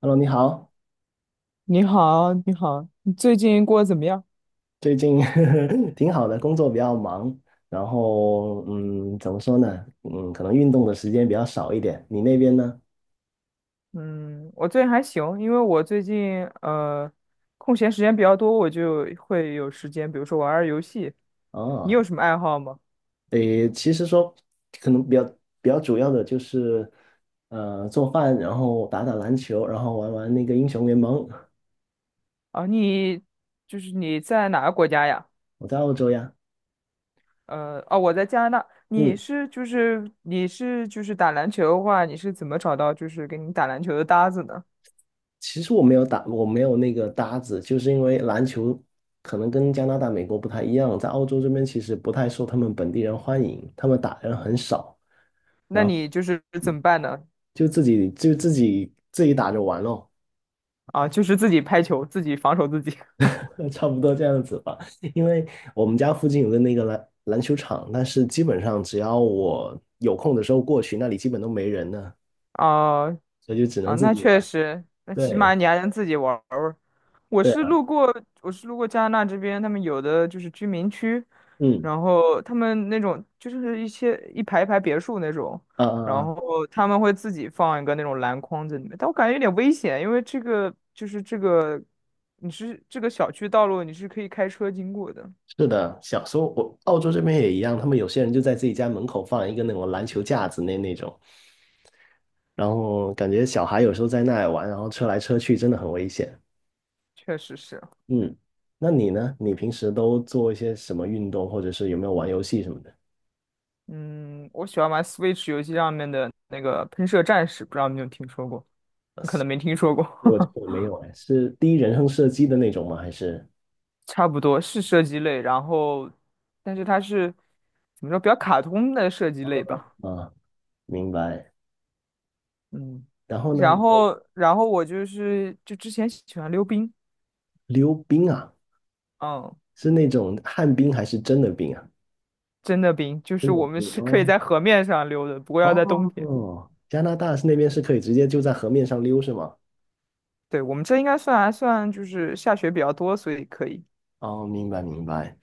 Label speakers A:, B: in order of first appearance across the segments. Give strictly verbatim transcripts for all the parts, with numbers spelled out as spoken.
A: Hello，你好，
B: 你好，你好，你最近过得怎么样？
A: 最近 挺好的，工作比较忙，然后嗯，怎么说呢？嗯，可能运动的时间比较少一点。你那边呢？
B: 嗯，我最近还行，因为我最近呃空闲时间比较多，我就会有时间，比如说玩玩游戏。你有
A: 哦，
B: 什么爱好吗？
A: 诶，其实说可能比较比较主要的就是呃做饭，然后打打篮球，然后玩玩那个英雄联盟。
B: 啊，你就是你在哪个国家呀？
A: 我在澳洲呀，
B: 呃，哦，我在加拿大。你
A: 嗯，
B: 是就是你是就是打篮球的话，你是怎么找到就是给你打篮球的搭子呢？
A: 其实我没有打，我没有那个搭子，就是因为篮球可能跟加拿大、美国不太一样，在澳洲这边其实不太受他们本地人欢迎，他们打人很少。
B: 那
A: 然后。
B: 你就是怎么办呢？
A: 就自己就自己自己打着玩咯，
B: 啊，就是自己拍球，自己防守自己。
A: 差不多这样子吧。因为我们家附近有个那个篮篮球场，但是基本上只要我有空的时候过去，那里基本都没人呢，
B: 啊。
A: 所以就只能
B: 啊，
A: 自
B: 那
A: 己
B: 确
A: 玩。
B: 实，那起
A: 对，
B: 码你还能自己玩儿玩儿。我
A: 对
B: 是
A: 啊，
B: 路过，我是路过加拿大这边，他们有的就是居民区，
A: 嗯，
B: 然后他们那种就是一些一排一排别墅那种，
A: 呃，啊
B: 然
A: 啊，
B: 后他们会自己放一个那种篮筐在里面，但我感觉有点危险，因为这个就是这个，你是这个小区道路你是可以开车经过的，
A: 是的，小时候我澳洲这边也一样，他们有些人就在自己家门口放一个那种篮球架子那那种，然后感觉小孩有时候在那里玩，然后车来车去真的很危险。
B: 确实是。
A: 嗯，那你呢？你平时都做一些什么运动，或者是有没有玩游戏什么的？
B: 嗯，我喜欢玩 Switch 游戏上面的那个喷射战士，不知道你有没有听说过？你可能没听说过。
A: 我 我没有哎，是第一人称射击的那种吗？还是
B: 差不多是射击类，然后，但是它是怎么说，比较卡通的射击类吧。
A: 啊，明白。
B: 嗯，
A: 然后呢，
B: 然
A: 有，
B: 后，然后我就是就之前喜欢溜冰。
A: 溜冰啊，
B: 嗯，
A: 是那种旱冰还是真的冰啊？
B: 真的冰，就是
A: 真的
B: 我们
A: 冰
B: 是可以
A: 哦，
B: 在河面上溜的，不过要在冬天。
A: 哦，加拿大是那边是可以直接就在河面上溜是吗？
B: 对，我们这应该算还算就是下雪比较多，所以可以。
A: 哦，明白明白。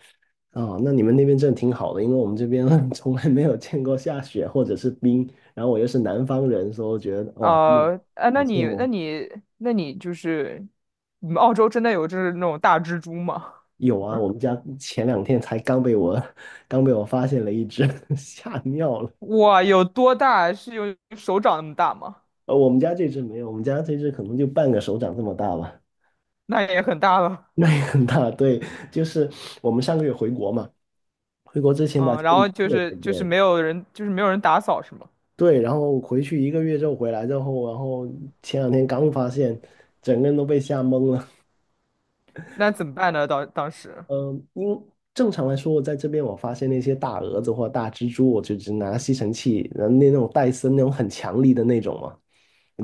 A: 哦，那你们那边真的挺好的，因为我们这边 从来没有见过下雪或者是冰，然后我又是南方人，所以我觉得哇，真的
B: 呃，哎，
A: 好
B: 那
A: 羡
B: 你，那
A: 慕。
B: 你，那你就是，你们澳洲真的有就是那种大蜘蛛吗？
A: 有啊，我们家前两天才刚被我 刚被我发现了一只，吓尿了。
B: 哇，有多大？是有手掌那么大吗？
A: 呃，我们家这只没有，我们家这只可能就半个手掌这么大吧，
B: 那也很大了。
A: 那也很大。对，就是我们上个月回国嘛，回国之前把
B: 嗯，
A: 家
B: 然
A: 里
B: 后就
A: 见了
B: 是
A: 一
B: 就是
A: 遍，
B: 没有人，就是没有人打扫是吗？
A: 对，然后回去一个月之后回来之后，然后前两天刚发现，整个人都被吓懵了。
B: 那怎么办呢？当当时
A: 嗯，因正常来说，在这边我发现那些大蛾子或大蜘蛛，我就只拿吸尘器，然后那那种戴森那种很强力的那种嘛。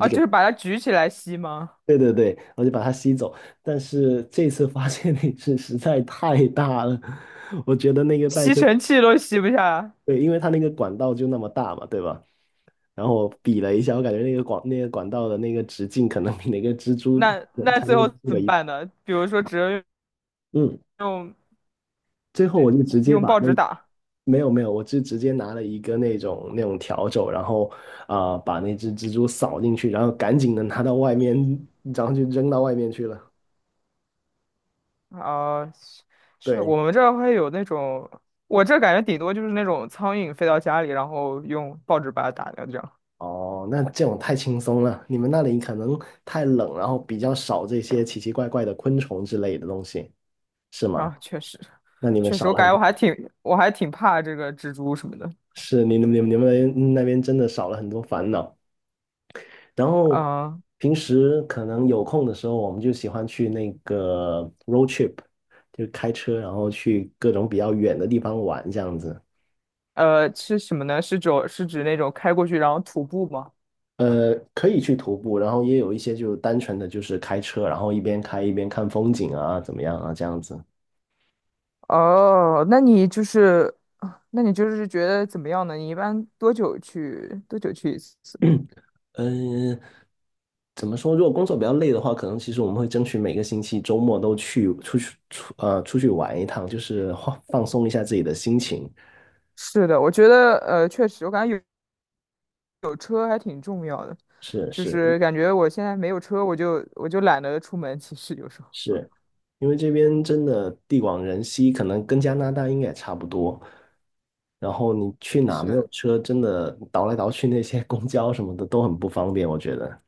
A: 就
B: 就
A: 给。
B: 是把它举起来吸吗？
A: 对对对，我就把它吸走。但是这次发现那只实在太大了，我觉得那个袋
B: 吸
A: 森，
B: 尘器都吸不下，
A: 对，因为它那个管道就那么大嘛，对吧？然后我比了一下，我感觉那个管那个管道的那个直径可能比那个蜘蛛
B: 那那
A: 才那
B: 最
A: 个
B: 后
A: 蜘蛛
B: 怎
A: 的
B: 么
A: 一，
B: 办呢？比如说只能
A: 嗯，
B: 用
A: 最后我就直接
B: 用
A: 把
B: 报
A: 那
B: 纸打。
A: 没有没有，我就直接拿了一个那种那种笤帚，然后啊、把那只蜘蛛扫进去，然后赶紧的拿到外面，然后就扔到外面去了。
B: 啊，是我
A: 对，
B: 们这儿会有那种，我这感觉顶多就是那种苍蝇飞到家里，然后用报纸把它打掉这样。
A: 哦，那这种太轻松了，你们那里可能太冷，然后比较少这些奇奇怪怪的昆虫之类的东西，是吗？
B: 啊，确实
A: 那你们
B: 确实，
A: 少
B: 我
A: 了很
B: 感觉我
A: 多，
B: 还挺我还挺怕这个蜘蛛什么的。
A: 是，你们你们你们那边真的少了很多烦恼。然后
B: 啊。
A: 平时可能有空的时候，我们就喜欢去那个 road trip，就开车，然后去各种比较远的地方玩这样子。
B: 呃，是什么呢？是指是指那种开过去然后徒步吗？
A: 呃，可以去徒步，然后也有一些就单纯的就是开车，然后一边开一边看风景啊，怎么样啊，这样子。
B: 哦，那你就是，那你就是觉得怎么样呢？你一般多久去多久去一次？
A: 嗯，怎么说？如果工作比较累的话，可能其实我们会争取每个星期周末都去出去出呃出去玩一趟，就是放放松一下自己的心情。
B: 是的，我觉得呃，确实，我感觉有有车还挺重要的。
A: 是，
B: 就
A: 是
B: 是感觉我现在没有车，我就我就懒得出门。其实有时候
A: 是，因为这边真的地广人稀，可能跟加拿大应该也差不多。然后你去 哪没有
B: 是
A: 车，真的倒来倒去，那些公交什么的都很不方便，我觉得。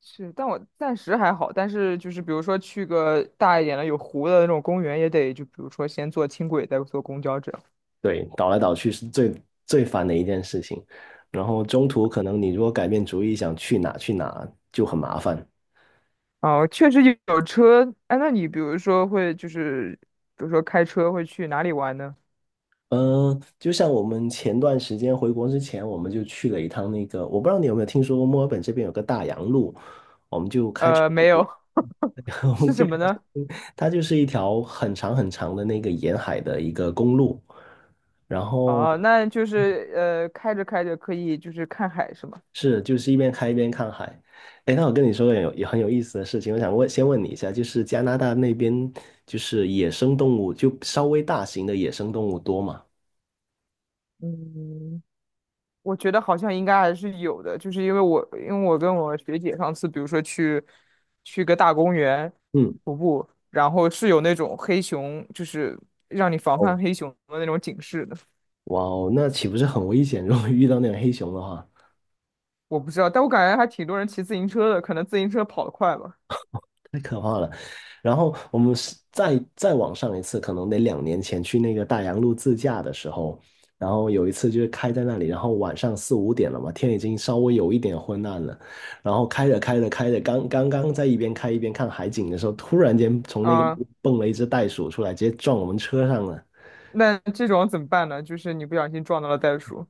B: 是，但我暂时还好。但是就是比如说去个大一点的有湖的那种公园，也得就比如说先坐轻轨，再坐公交这样。
A: 对，倒来倒去是最最烦的一件事情。然后中途可能你如果改变主意想去哪去哪就很麻烦。
B: 哦，确实有有车。哎，那你比如说会就是，比如说开车会去哪里玩呢？
A: 嗯，就像我们前段时间回国之前，我们就去了一趟那个，我不知道你有没有听说过墨尔本这边有个大洋路，我们就开车
B: 呃，
A: 去，
B: 没有。
A: 我们
B: 是什
A: 就开
B: 么
A: 车
B: 呢？
A: 去，它就是一条很长很长的那个沿海的一个公路，然后
B: 哦，那就是呃，开着开着可以就是看海是吗？
A: 是就是一边开一边看海。哎，那我跟你说个有也很有意思的事情，我想问先问你一下，就是加拿大那边就是野生动物，就稍微大型的野生动物多吗？
B: 嗯，我觉得好像应该还是有的，就是因为我因为我跟我学姐上次，比如说去去个大公园
A: 嗯，
B: 徒步，然后是有那种黑熊，就是让你防
A: 哦。
B: 范黑熊的那种警示的。
A: 哇哦，那岂不是很危险？如果遇到那种黑熊的话，
B: 我不知道，但我感觉还挺多人骑自行车的，可能自行车跑得快吧。
A: 太可怕了。然后我们是再再往上一次，可能得两年前去那个大洋路自驾的时候，然后有一次就是开在那里，然后晚上四五点了嘛，天已经稍微有一点昏暗了，然后开着开着开着刚刚刚在一边开一边看海景的时候，突然间从那个
B: 啊。
A: 蹦了一只袋鼠出来，直接撞我们车上了。
B: 那这种怎么办呢？就是你不小心撞到了袋鼠，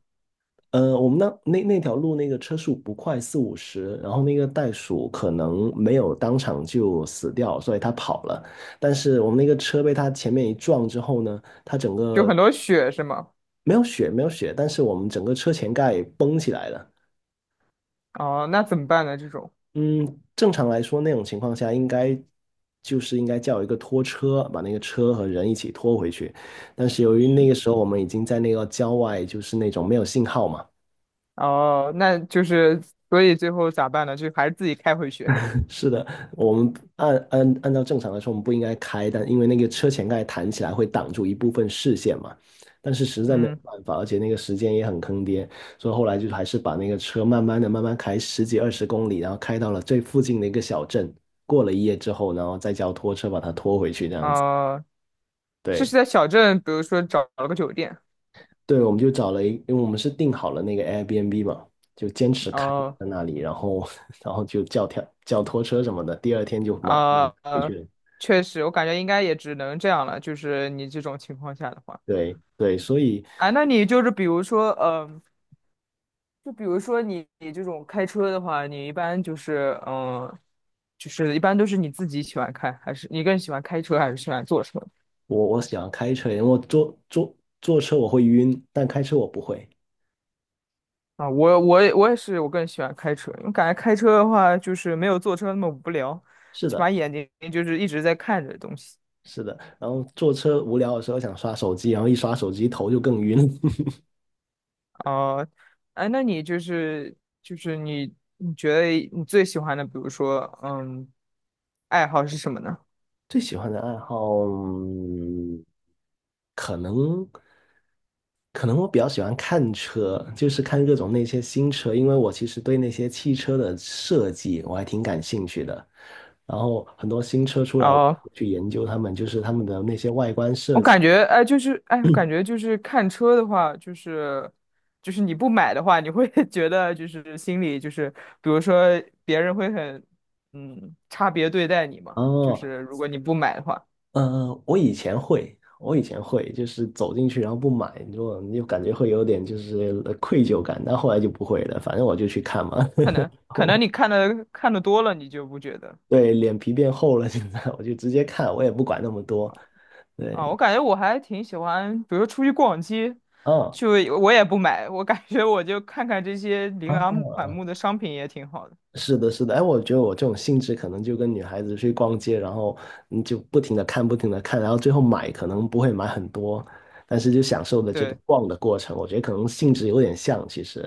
A: 呃，我们那那那条路那个车速不快，四五十，然后那个袋鼠可能没有当场就死掉，所以它跑了。但是我们那个车被它前面一撞之后呢，它整
B: 就
A: 个
B: 很多血是吗？
A: 没有血，没有血，但是我们整个车前盖崩起来了。
B: 哦，那怎么办呢？这种
A: 嗯，正常来说那种情况下应该就是应该叫一个拖车，把那个车和人一起拖回去。但是由于那个时候我们已经在那个郊外，就是那种没有信号嘛。
B: 哦，那就是所以最后咋办呢？就还是自己开回去。
A: 是的，我们按按按照正常来说，我们不应该开，但因为那个车前盖弹起来会挡住一部分视线嘛，但是实在没有
B: 嗯，
A: 办法，而且那个时间也很坑爹，所以后来就还是把那个车慢慢的、慢慢开十几二十公里，然后开到了最附近的一个小镇，过了一夜之后，然后再叫拖车把它拖回去，这样子。
B: 呃，是是
A: 对
B: 在小镇，比如说找了个酒店。
A: 对，我们就找了一，因为我们是订好了那个 Airbnb 嘛，就坚持开
B: 哦，
A: 在那里，然后 然后就叫条叫拖车什么的，第二天就马上
B: 呃，
A: 回
B: 呃，
A: 去了。
B: 确实，我感觉应该也只能这样了。就是你这种情况下的话，
A: 对对，所以
B: 啊，那你就是比如说，嗯。就比如说你你这种开车的话，你一般就是嗯，呃就是一般都是你自己喜欢开，还是你更喜欢开车还是喜欢坐车？
A: 我我喜欢开车，因为我坐坐坐车我会晕，但开车我不会。
B: 啊？我我也我也是，我更喜欢开车，因为感觉开车的话就是没有坐车那么无聊，
A: 是
B: 起码
A: 的，
B: 眼睛就是一直在看着东西。
A: 是的。然后坐车无聊的时候想刷手机，然后一刷手机头就更晕。
B: 啊。哎，那你就是就是你你觉得你最喜欢的，比如说嗯，爱好是什么呢？
A: 最喜欢的爱好，嗯，可能可能我比较喜欢看车，就是看各种那些新车，因为我其实对那些汽车的设计我还挺感兴趣的。然后很多新车出来，我
B: 哦
A: 去研究他们，就是他们的那些外观
B: 我
A: 设计。
B: 感觉，哎，就是，哎，我感觉就是看车的话，就是，就是你不买的话，你会 觉得就是心里就是，比如说别人会很，嗯，差别对待你嘛。就
A: 哦，
B: 是如果你不买的话，
A: 呃，我以前会，我以前会，就是走进去然后不买，你就你就感觉会有点就是呃愧疚感，但后来就不会了，反正我就去看嘛。
B: 可 能可能
A: 我
B: 你看的看的多了，你就不觉得
A: 对，脸皮变厚了，现在我就直接看，我也不管那么多。对，
B: 啊。我感觉我还挺喜欢，比如出去逛街，
A: 嗯，
B: 就我也不买，我感觉我就看看这些琳琅满
A: 啊，
B: 目的商品也挺好的。
A: 是的，是的，哎，我觉得我这种性质可能就跟女孩子去逛街，然后你就不停的看，不停的看，然后最后买可能不会买很多，但是就享受的这个
B: 对。
A: 逛的过程，我觉得可能性质有点像，其实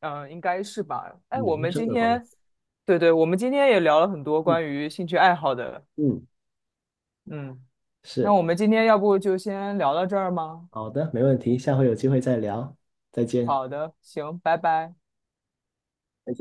B: 嗯，应该是吧。哎，
A: 男
B: 我们
A: 生
B: 今
A: 的逛。
B: 天，对对，我们今天也聊了很多
A: 嗯
B: 关于兴趣爱好的。
A: 嗯，
B: 嗯，那
A: 是，
B: 我们今天要不就先聊到这儿吗？
A: 好的，没问题，下回有机会再聊，再见。
B: 好的，行，拜拜。
A: 再见。